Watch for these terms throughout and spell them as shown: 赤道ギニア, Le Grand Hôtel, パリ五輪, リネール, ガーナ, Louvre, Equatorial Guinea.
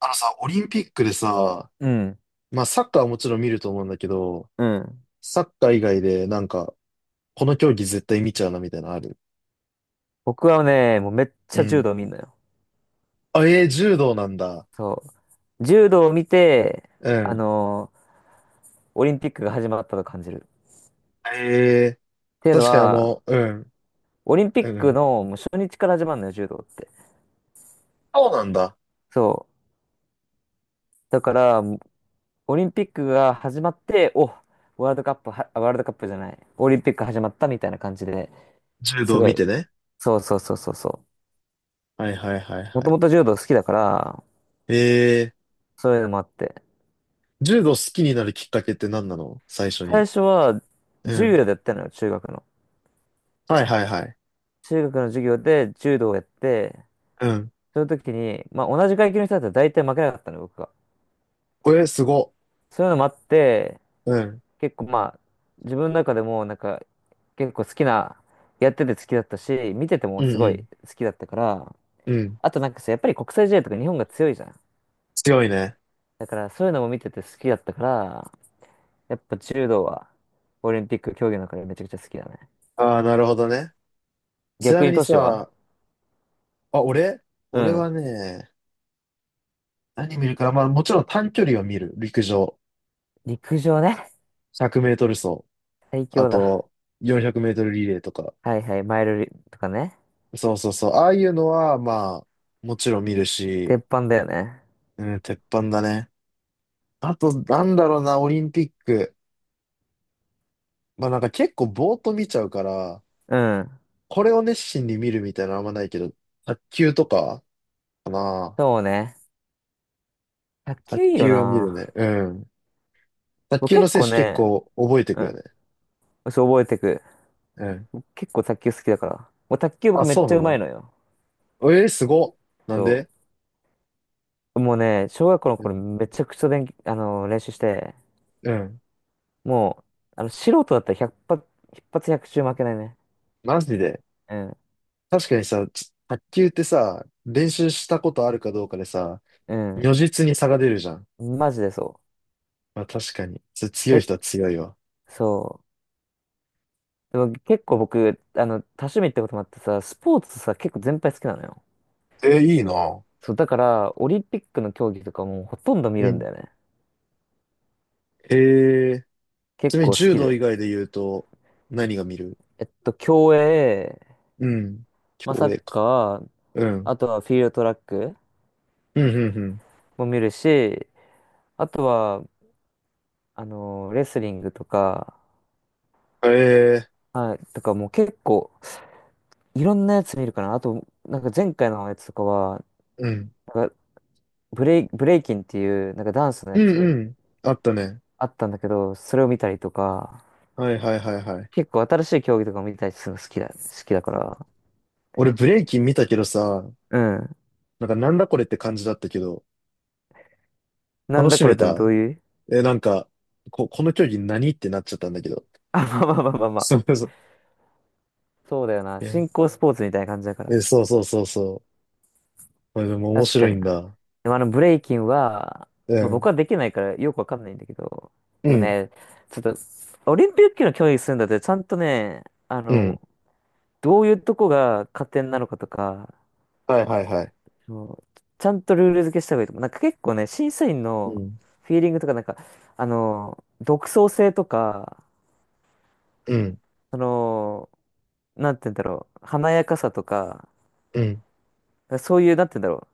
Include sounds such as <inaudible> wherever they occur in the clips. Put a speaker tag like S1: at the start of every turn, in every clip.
S1: あのさ、オリンピックでさ、
S2: うん。
S1: まあサッカーはもちろん見ると思うんだけど、
S2: うん。
S1: サッカー以外でなんか、この競技絶対見ちゃうなみたいなのある？
S2: 僕はね、もうめっち
S1: う
S2: ゃ柔
S1: ん。
S2: 道見んのよ。
S1: あ、えー柔道なんだ。
S2: そう。柔道を見て、
S1: う
S2: あ
S1: ん。
S2: のーオリンピックが始まったと感じる。っ
S1: ええ、
S2: ていうの
S1: 確かに
S2: は、
S1: うん、
S2: オリンピ
S1: う
S2: ック
S1: ん。
S2: のもう初日から始まるのよ、柔道って。
S1: そうなんだ。
S2: そう。だから、オリンピックが始まって、ワールドカップは、ワールドカップじゃない、オリンピック始まったみたいな感じで、
S1: 柔
S2: す
S1: 道
S2: ご
S1: 見
S2: い、
S1: てね。
S2: そうそうそうそうそ
S1: はいはいはいは
S2: う。もとも
S1: い。
S2: と柔道好きだから、
S1: ええ、
S2: そういうのもあって。
S1: 柔道好きになるきっかけって何なの最初に？
S2: 最初は、
S1: う
S2: 柔
S1: ん。
S2: 道でやってたのよ、中学の。
S1: はいはいはい。
S2: 中学の授業で柔道をやって、
S1: うん。
S2: その時に、まあ同じ階級の人だったら大体負けなかったの、僕が。
S1: おえー、すご。
S2: そういうのもあって、
S1: うん。
S2: 結構まあ、自分の中でもなんか、結構好きな、やってて好きだったし、見てても
S1: う
S2: す
S1: ん
S2: ご
S1: う
S2: い
S1: ん。
S2: 好きだったから、
S1: うん。
S2: あとなんかさ、やっぱり国際試合とか日本が強いじゃん。
S1: 強いね。
S2: だからそういうのも見てて好きだったから、やっぱ柔道はオリンピック競技の中でめちゃくちゃ好きだね。
S1: ああ、なるほどね。ちな
S2: 逆
S1: み
S2: に
S1: に
S2: 都市は
S1: さ、あ、俺
S2: う
S1: 俺
S2: ん。
S1: はね、何見るかな、まあもちろん短距離を見る。陸上。
S2: 陸上ね。
S1: 100メートル走。
S2: 最
S1: あ
S2: 強だ。
S1: と、400メートルリレーとか。
S2: はいはい、マイルリとかね。
S1: そうそうそう。ああいうのは、まあ、もちろん見るし、
S2: 鉄板だよね。
S1: うん、鉄板だね。あと、なんだろうな、オリンピック。まあなんか結構ぼーっと見ちゃうから、
S2: うん。
S1: これを熱心に見るみたいなのあんまないけど、卓球とかかな。
S2: そうね。卓
S1: 卓
S2: 球いいよ
S1: 球は見るね。
S2: な。
S1: うん。卓
S2: 僕
S1: 球の
S2: 結
S1: 選
S2: 構
S1: 手結
S2: ね、
S1: 構覚えて
S2: う
S1: くよね。
S2: ん。そう覚えてく。
S1: うん。
S2: 結構卓球好きだから。もう卓球
S1: あ、
S2: 僕めっ
S1: そう
S2: ち
S1: な
S2: ゃうま
S1: の？
S2: いのよ。
S1: えー、すごっ。なん
S2: そ
S1: で？
S2: う。もうね、小学校の
S1: う
S2: 頃
S1: ん。
S2: めちゃくちゃ練、あの、練習して、
S1: うん、
S2: もう、素人だったら100発、一100中負けないね。
S1: マジで。
S2: うん。
S1: 確かにさ、卓球ってさ、練習したことあるかどうかでさ、如
S2: う
S1: 実に差が出るじゃん。
S2: ん。マジでそ
S1: まあ確かに。つ
S2: う。
S1: 強い人は強いわ。
S2: そう。でも結構僕、多趣味ってこともあってさ、スポーツさ、結構全般好きなのよ。
S1: えー、いいな。
S2: そう、だから、オリンピックの競技とかもうほとんど見
S1: う
S2: るん
S1: ん。
S2: だよね。
S1: えー、ち
S2: 結
S1: なみに
S2: 構好
S1: 柔
S2: き
S1: 道以
S2: で。
S1: 外で言うと、何が見る？
S2: 競泳、
S1: うん。
S2: まあ、サ
S1: 競
S2: ッ
S1: 泳か。
S2: カー、
S1: うん。
S2: あとはフィールドトラック
S1: うん、うん、
S2: も見るし、あとは、レスリングとか、
S1: うん。えー、
S2: はい、とかもう結構、いろんなやつ見るかな。あと、なんか前回のやつとかは、
S1: うん。
S2: なんかブレイキンっていう、なんかダンスの
S1: う
S2: やつ
S1: ん、うん。あったね。
S2: あったんだけど、それを見たりとか、
S1: はいはいはいはい。
S2: 結構新しい競技とかも見たりするの好きだから。
S1: 俺ブレイキン見たけどさ、
S2: うん。
S1: なんかなんだこれって感じだったけど、
S2: なん
S1: 楽
S2: だ
S1: し
S2: こ
S1: め
S2: れってど
S1: た？
S2: ういう？
S1: え、なんか、この競技何ってなっちゃったんだけど。
S2: <laughs> まあまあまあまあま
S1: そ
S2: あ。
S1: うそう。
S2: そうだよな。
S1: いや、
S2: 新興スポーツみたいな感じだから。
S1: え、そうそうそうそう。まあでも面
S2: 確か
S1: 白い
S2: に
S1: ん
S2: な。
S1: だ。
S2: でもあのブレイキンは、
S1: う
S2: まあ、僕
S1: ん。
S2: はできないからよくわかんないんだけど、
S1: う
S2: でも
S1: ん。
S2: ね、ちょっと、オリンピックの競技するんだって、ちゃんとね、あ
S1: うん。
S2: の、どういうとこが加点なのかとか、
S1: はいはいはい。
S2: そうちゃんとルール付けした方がいいと思う。なんか結構ね、審査員
S1: う
S2: の
S1: ん。
S2: フィーリングとか、なんか、独創性とか、
S1: うん。
S2: その、なんて言うんだろう、華やかさとか、
S1: うん。
S2: そういう、なんて言うんだろ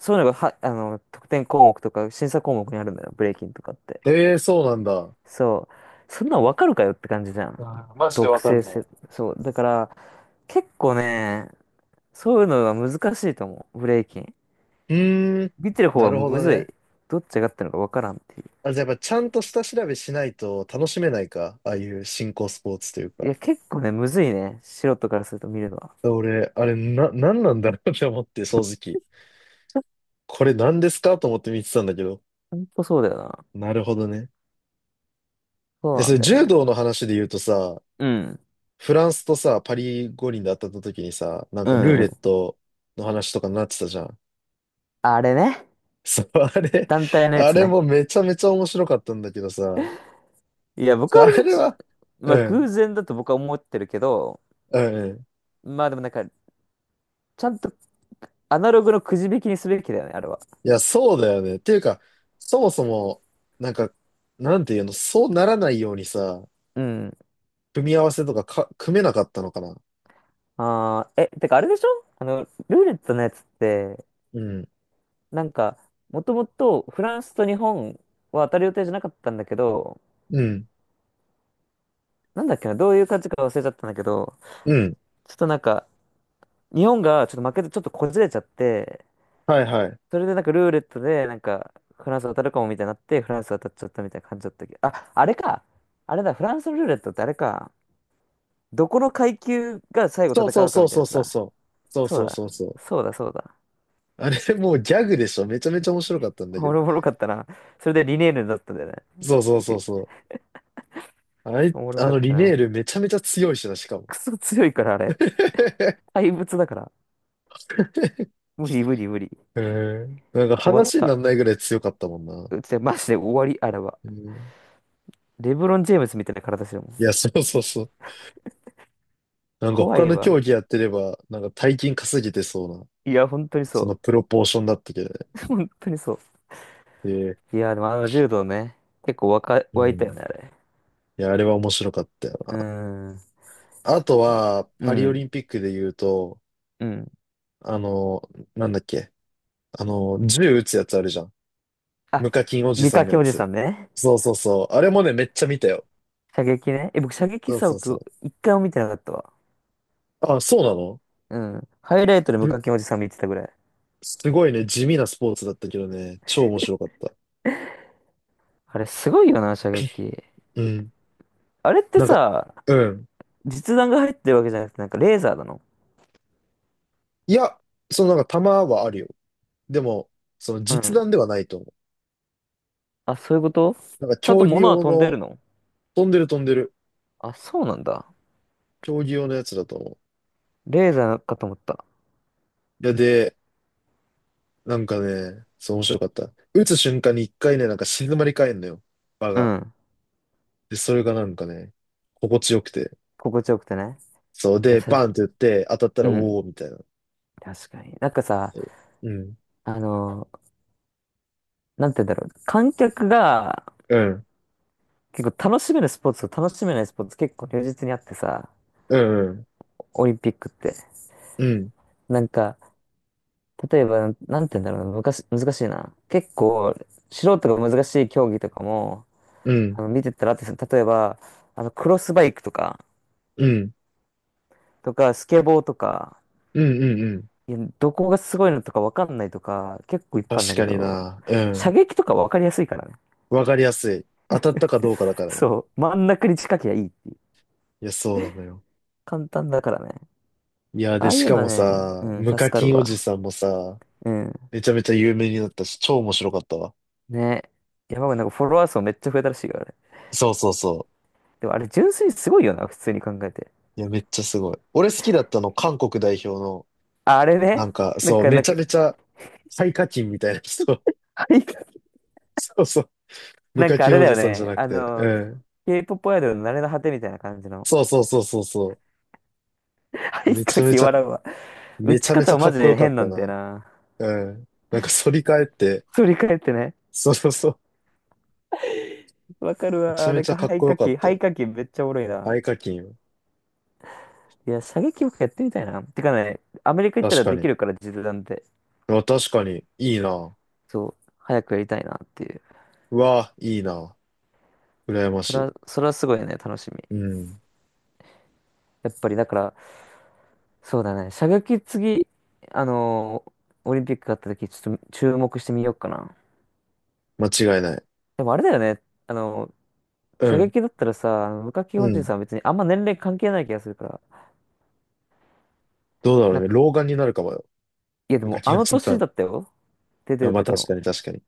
S2: う、そういうのがは、得点項目とか、審査項目にあるんだよ、ブレイキンとかって。
S1: えー、そうなんだ。
S2: そう。そんなんわかるかよって感じじゃん。
S1: あー、マジで
S2: 毒
S1: わかん
S2: 性
S1: な
S2: せ、
S1: い。
S2: そう。だから、結構ね、そういうのが難しいと思う。ブレイキン。
S1: うーん。
S2: 見てる方
S1: な
S2: は
S1: るほ
S2: む
S1: ど
S2: ずい。
S1: ね。
S2: どっちがってるのかわからんってい
S1: あ、じゃあやっぱちゃんと下調べしないと楽しめないか。ああいう新興スポーツという
S2: う。い
S1: か。
S2: や、結構ね、むずいね。素人からすると見るのは。
S1: 俺、あれ、なんなんだろうって思って、正直。これ何ですかと思って見てたんだけど。
S2: ほんとそうだよな。
S1: なるほどね。
S2: そう
S1: え、
S2: な
S1: そ
S2: ん
S1: れ
S2: だよ
S1: 柔道
S2: ね。
S1: の話で言うとさ、
S2: うん。
S1: フランスとさ、パリ五輪で当たった時にさ、なん
S2: う
S1: かルー
S2: んう
S1: レッ
S2: ん。
S1: トの話とかになってたじゃん。
S2: あれね。
S1: <laughs> そう、あれ、
S2: 団体のや
S1: あ
S2: つ
S1: れ
S2: ね。
S1: もめちゃめちゃ面白かったんだけどさ、
S2: いや、僕はあ
S1: あ
S2: れ僕
S1: れ
S2: し、
S1: は、
S2: ま
S1: う
S2: あ
S1: ん、
S2: 偶然だと僕は思ってるけど、
S1: うん、うん。
S2: まあでもなんか、ちゃんとアナログのくじ引きにすべきだよね、あれは。
S1: いや、そうだよね。っていうか、そもそも、なんか、なんていうの、そうならないようにさ、
S2: うん。
S1: 組み合わせとかか、組めなかったのかな。
S2: ああ、てかあれでしょルーレットのやつって、
S1: うん、
S2: なんか、もともとフランスと日本は当たる予定じゃなかったんだけど、
S1: うん、
S2: なんだっけな、どういう感じか忘れちゃったんだけど、
S1: うん。
S2: ちょっとなんか、日本がちょっと負けてちょっとこじれちゃって、
S1: はいはい。
S2: それでなんかルーレットでなんか、フランス当たるかもみたいになって、フランス当たっちゃったみたいな感じだったけど、あれか。あれだ、フランスのルーレットってあれか。どこの階級が最後
S1: そ
S2: 戦
S1: うそう
S2: うか
S1: そう
S2: みたいな
S1: そ
S2: や
S1: う
S2: つ
S1: そう
S2: だ。
S1: そう。そう
S2: そう
S1: そう
S2: だ、
S1: そうそう。
S2: そうだ。
S1: あれ、もうギャグでしょ。めちゃめちゃ面白かったんだ
S2: お
S1: け
S2: も
S1: ど。
S2: ろおろかったな。それでリネールだったんだよね。
S1: そうそう
S2: 相
S1: そう
S2: 手。
S1: そう。
S2: おもろ
S1: あ
S2: かっ
S1: の
S2: た
S1: リネ
S2: な。
S1: ールめちゃめちゃ強いしな、しかも。
S2: クソ強いから、あれ。
S1: <laughs>
S2: 怪物だから。無理無理無理。
S1: へえ。なんか
S2: 終わっ
S1: 話にな
S2: た。
S1: らないぐらい強かったもんな。
S2: うち、マジで終わり、あれは。
S1: へえ、
S2: レブロン・ジェームスみたいな体してるもん。
S1: いや、そうそうそう。なんか
S2: 怖
S1: 他
S2: い
S1: の競
S2: わ。
S1: 技やってれば、なんか大金稼げてそうな、
S2: いや、本当に
S1: その
S2: そ
S1: プロポーションだったけどね。
S2: う。<laughs> 本当にそ
S1: ええ、
S2: う。いや、でもあの柔道ね、結構
S1: う
S2: 湧いたよ
S1: ん。
S2: ね、あれ。
S1: いや、あれは面白かったよ
S2: う
S1: な。
S2: ーん。
S1: あとは、
S2: う
S1: パリオリ
S2: ん。
S1: ンピックで言うと、
S2: うん。
S1: あの、なんだっけ、銃撃つやつあるじゃん。
S2: あ、カ
S1: 無課金おじさんの
S2: 掛
S1: や
S2: おじさ
S1: つ。
S2: んね。
S1: そうそうそう。あれもね、めっちゃ見たよ。
S2: 射撃ね。僕、射撃
S1: そう
S2: さ、
S1: そうそう。
S2: 僕、一回も見てなかったわ。
S1: あ、そうなの？
S2: うん。ハイライトで無課金おじさん見てたぐらい。
S1: すごいね、地味なスポーツだったけどね、超面白かった。
S2: あれ、すごいよな、射撃。
S1: うん。
S2: あれって
S1: なんか、
S2: さ、
S1: うん。
S2: 実弾が入ってるわけじゃなくて、なんかレーザーなの？
S1: いや、そのなんか球はあるよ。でも、その
S2: う
S1: 実
S2: ん。
S1: 弾ではないと思う。
S2: そういうこと？
S1: なんか
S2: ちゃんと
S1: 競技
S2: 物は
S1: 用
S2: 飛んで
S1: の、
S2: るの？
S1: 飛んでる飛んでる。
S2: あ、そうなんだ。
S1: 競技用のやつだと思う。
S2: レーザーかと思った。
S1: いや、で、なんかね、そう面白かった。打つ瞬間に一回ね、なんか静まり返んのよ。場
S2: う
S1: が。
S2: ん。
S1: で、それがなんかね、心地よくて。
S2: 心地よくてね。
S1: そう。
S2: やっぱ
S1: で、
S2: さ
S1: バンって打って、当たった
S2: う
S1: ら、お
S2: ん。
S1: ー、みたいな。
S2: 確かに。なんかさ、
S1: そう、うん。
S2: あのーなんて言うんだろう。観客が
S1: うん。
S2: 結構楽しめるスポーツと楽しめないスポーツ結構如実にあってさ、
S1: うん。
S2: オリンピックって。
S1: うん。
S2: なんか、例えば、なんて言うんだろうな。昔、難しいな。結構、素人が難しい競技とかも、
S1: うん。
S2: 見てたらあって、その例えば、クロスバイクとか、
S1: うん。うん。
S2: とか、スケボーとか、
S1: うん。うん。うん。
S2: いや、どこがすごいのとかわかんないとか、結構いっぱいある
S1: 確
S2: んだ
S1: か
S2: け
S1: に
S2: ど、
S1: な。う
S2: 射
S1: ん。
S2: 撃とかわかりやすいからね。
S1: わかりやすい。当たったかどうかだからね。
S2: そう、真ん中に近きりゃいいっていう。
S1: いや、そうなのよ。
S2: 簡単だからね。
S1: いや、
S2: あ
S1: で、
S2: あ
S1: し
S2: いう
S1: か
S2: のは
S1: も
S2: ね、う
S1: さ、
S2: ん、
S1: 無
S2: 助
S1: 課
S2: かる
S1: 金おじ
S2: わ。
S1: さんもさ、
S2: うん。
S1: めちゃめちゃ有名になったし、超面白かったわ。
S2: ね。山がなんかフォロワー数めっちゃ増えたらしいからね。
S1: そうそうそ
S2: でもあれ純粋にすごいよな、普通に考えて。
S1: う。いや、めっちゃすごい。俺好きだったの、韓国代表の、
S2: ああれね。
S1: なんか、
S2: なん
S1: そう、
S2: か、
S1: め
S2: なん
S1: ち
S2: か、
S1: ゃめち
S2: <laughs>
S1: ゃ、最課金みたいな人。
S2: はい、
S1: <laughs> そうそう。無
S2: なん
S1: 課
S2: かあれ
S1: 金お
S2: だよ
S1: じさんじゃ
S2: ね。
S1: なくて。うん。
S2: K-POP アイドルの慣れの果てみたいな感じの。
S1: そうそうそうそうそ
S2: <laughs> は
S1: う。
S2: い、
S1: めち
S2: か
S1: ゃめ
S2: き
S1: ちゃ、
S2: 笑うわ。打
S1: めち
S2: ち
S1: ゃめち
S2: 方
S1: ゃ
S2: は
S1: か
S2: マ
S1: っ
S2: ジ
S1: こ
S2: で
S1: よかっ
S2: 変な
S1: た
S2: んだよ
S1: な。
S2: な。
S1: うん。なんか反り返って、
S2: 振り返ってね。
S1: そうそうそう。
S2: わかる
S1: めちゃ
S2: わ。
S1: め
S2: なん
S1: ちゃ
S2: か
S1: かっ
S2: 肺
S1: こよ
S2: 火
S1: かっ
S2: 器、
S1: たよ。
S2: 肺火器めっちゃおもろいな。
S1: 合課金は。
S2: いや、射撃もやってみたいな。てかね、アメリカ行った
S1: 確
S2: ら
S1: か
S2: で
S1: に。
S2: きるから、実弾で。
S1: あ、確かに。いいな。
S2: そう、早くやりたいなっていう。
S1: うわ、いいな。羨ま
S2: そ
S1: し
S2: れ
S1: い。
S2: は、それはすごいね、楽しみ。
S1: うん。
S2: やっぱり、だから、そうだね、射撃次、あのーオリンピックがあった時、ちょっと注目してみようかな。
S1: 間違いない。
S2: でもあれだよね、あのー
S1: う
S2: 射
S1: ん。
S2: 撃だったらさ、あの無課金
S1: う
S2: おじ
S1: ん。
S2: さんは別にあんま年齢関係ない気がするから、
S1: どうだろ
S2: な
S1: う
S2: ん
S1: ね。
S2: か、
S1: 老眼になるかもよ。
S2: いやでも
S1: 昔
S2: あ
S1: の
S2: の
S1: して
S2: 年
S1: た。
S2: だったよ。出て
S1: あ、
S2: る
S1: まあ
S2: 時
S1: 確
S2: も。
S1: かに確かに。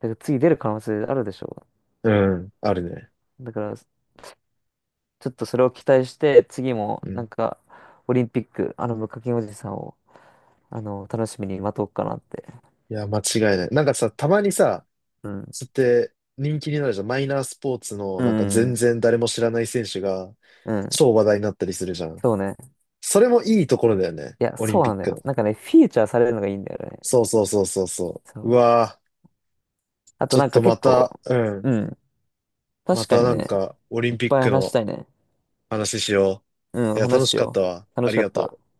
S2: だから次出る可能性あるでしょ
S1: うん。あるね。
S2: う。だから、ちょっとそれを期待して、次も、
S1: う
S2: な
S1: ん。
S2: んか、オリンピック、無課金おじさんを、楽しみに待とうかなって。
S1: いや、間違いない。なんかさ、たまにさ、
S2: うん。
S1: つって人気になるじゃん。マイナースポーツの、
S2: う
S1: なんか
S2: ん。う
S1: 全
S2: ん。
S1: 然誰も知らない選手が、
S2: うん
S1: 超話題になったりするじゃん。
S2: そうね。
S1: それもいいところだよね。
S2: いや、
S1: オリン
S2: そう
S1: ピ
S2: な
S1: ッ
S2: んだ
S1: ク
S2: よ。
S1: の。
S2: なんかね、フィーチャーされるのがいいんだよね。
S1: そうそうそうそうそ
S2: そ
S1: う。う
S2: う。
S1: わー。
S2: あと
S1: ちょっ
S2: なん
S1: と
S2: か
S1: ま
S2: 結構、
S1: た、うん。
S2: うん。
S1: ま
S2: 確か
S1: た
S2: に
S1: なん
S2: ね、
S1: か、オリ
S2: い
S1: ン
S2: っ
S1: ピッ
S2: ぱい
S1: ク
S2: 話し
S1: の
S2: たいね。
S1: 話しよ
S2: う
S1: う。
S2: ん、
S1: いや、
S2: 話
S1: 楽し
S2: し
S1: かった
S2: よ
S1: わ。
S2: う。楽
S1: あ
S2: し
S1: り
S2: かっ
S1: が
S2: た。
S1: とう。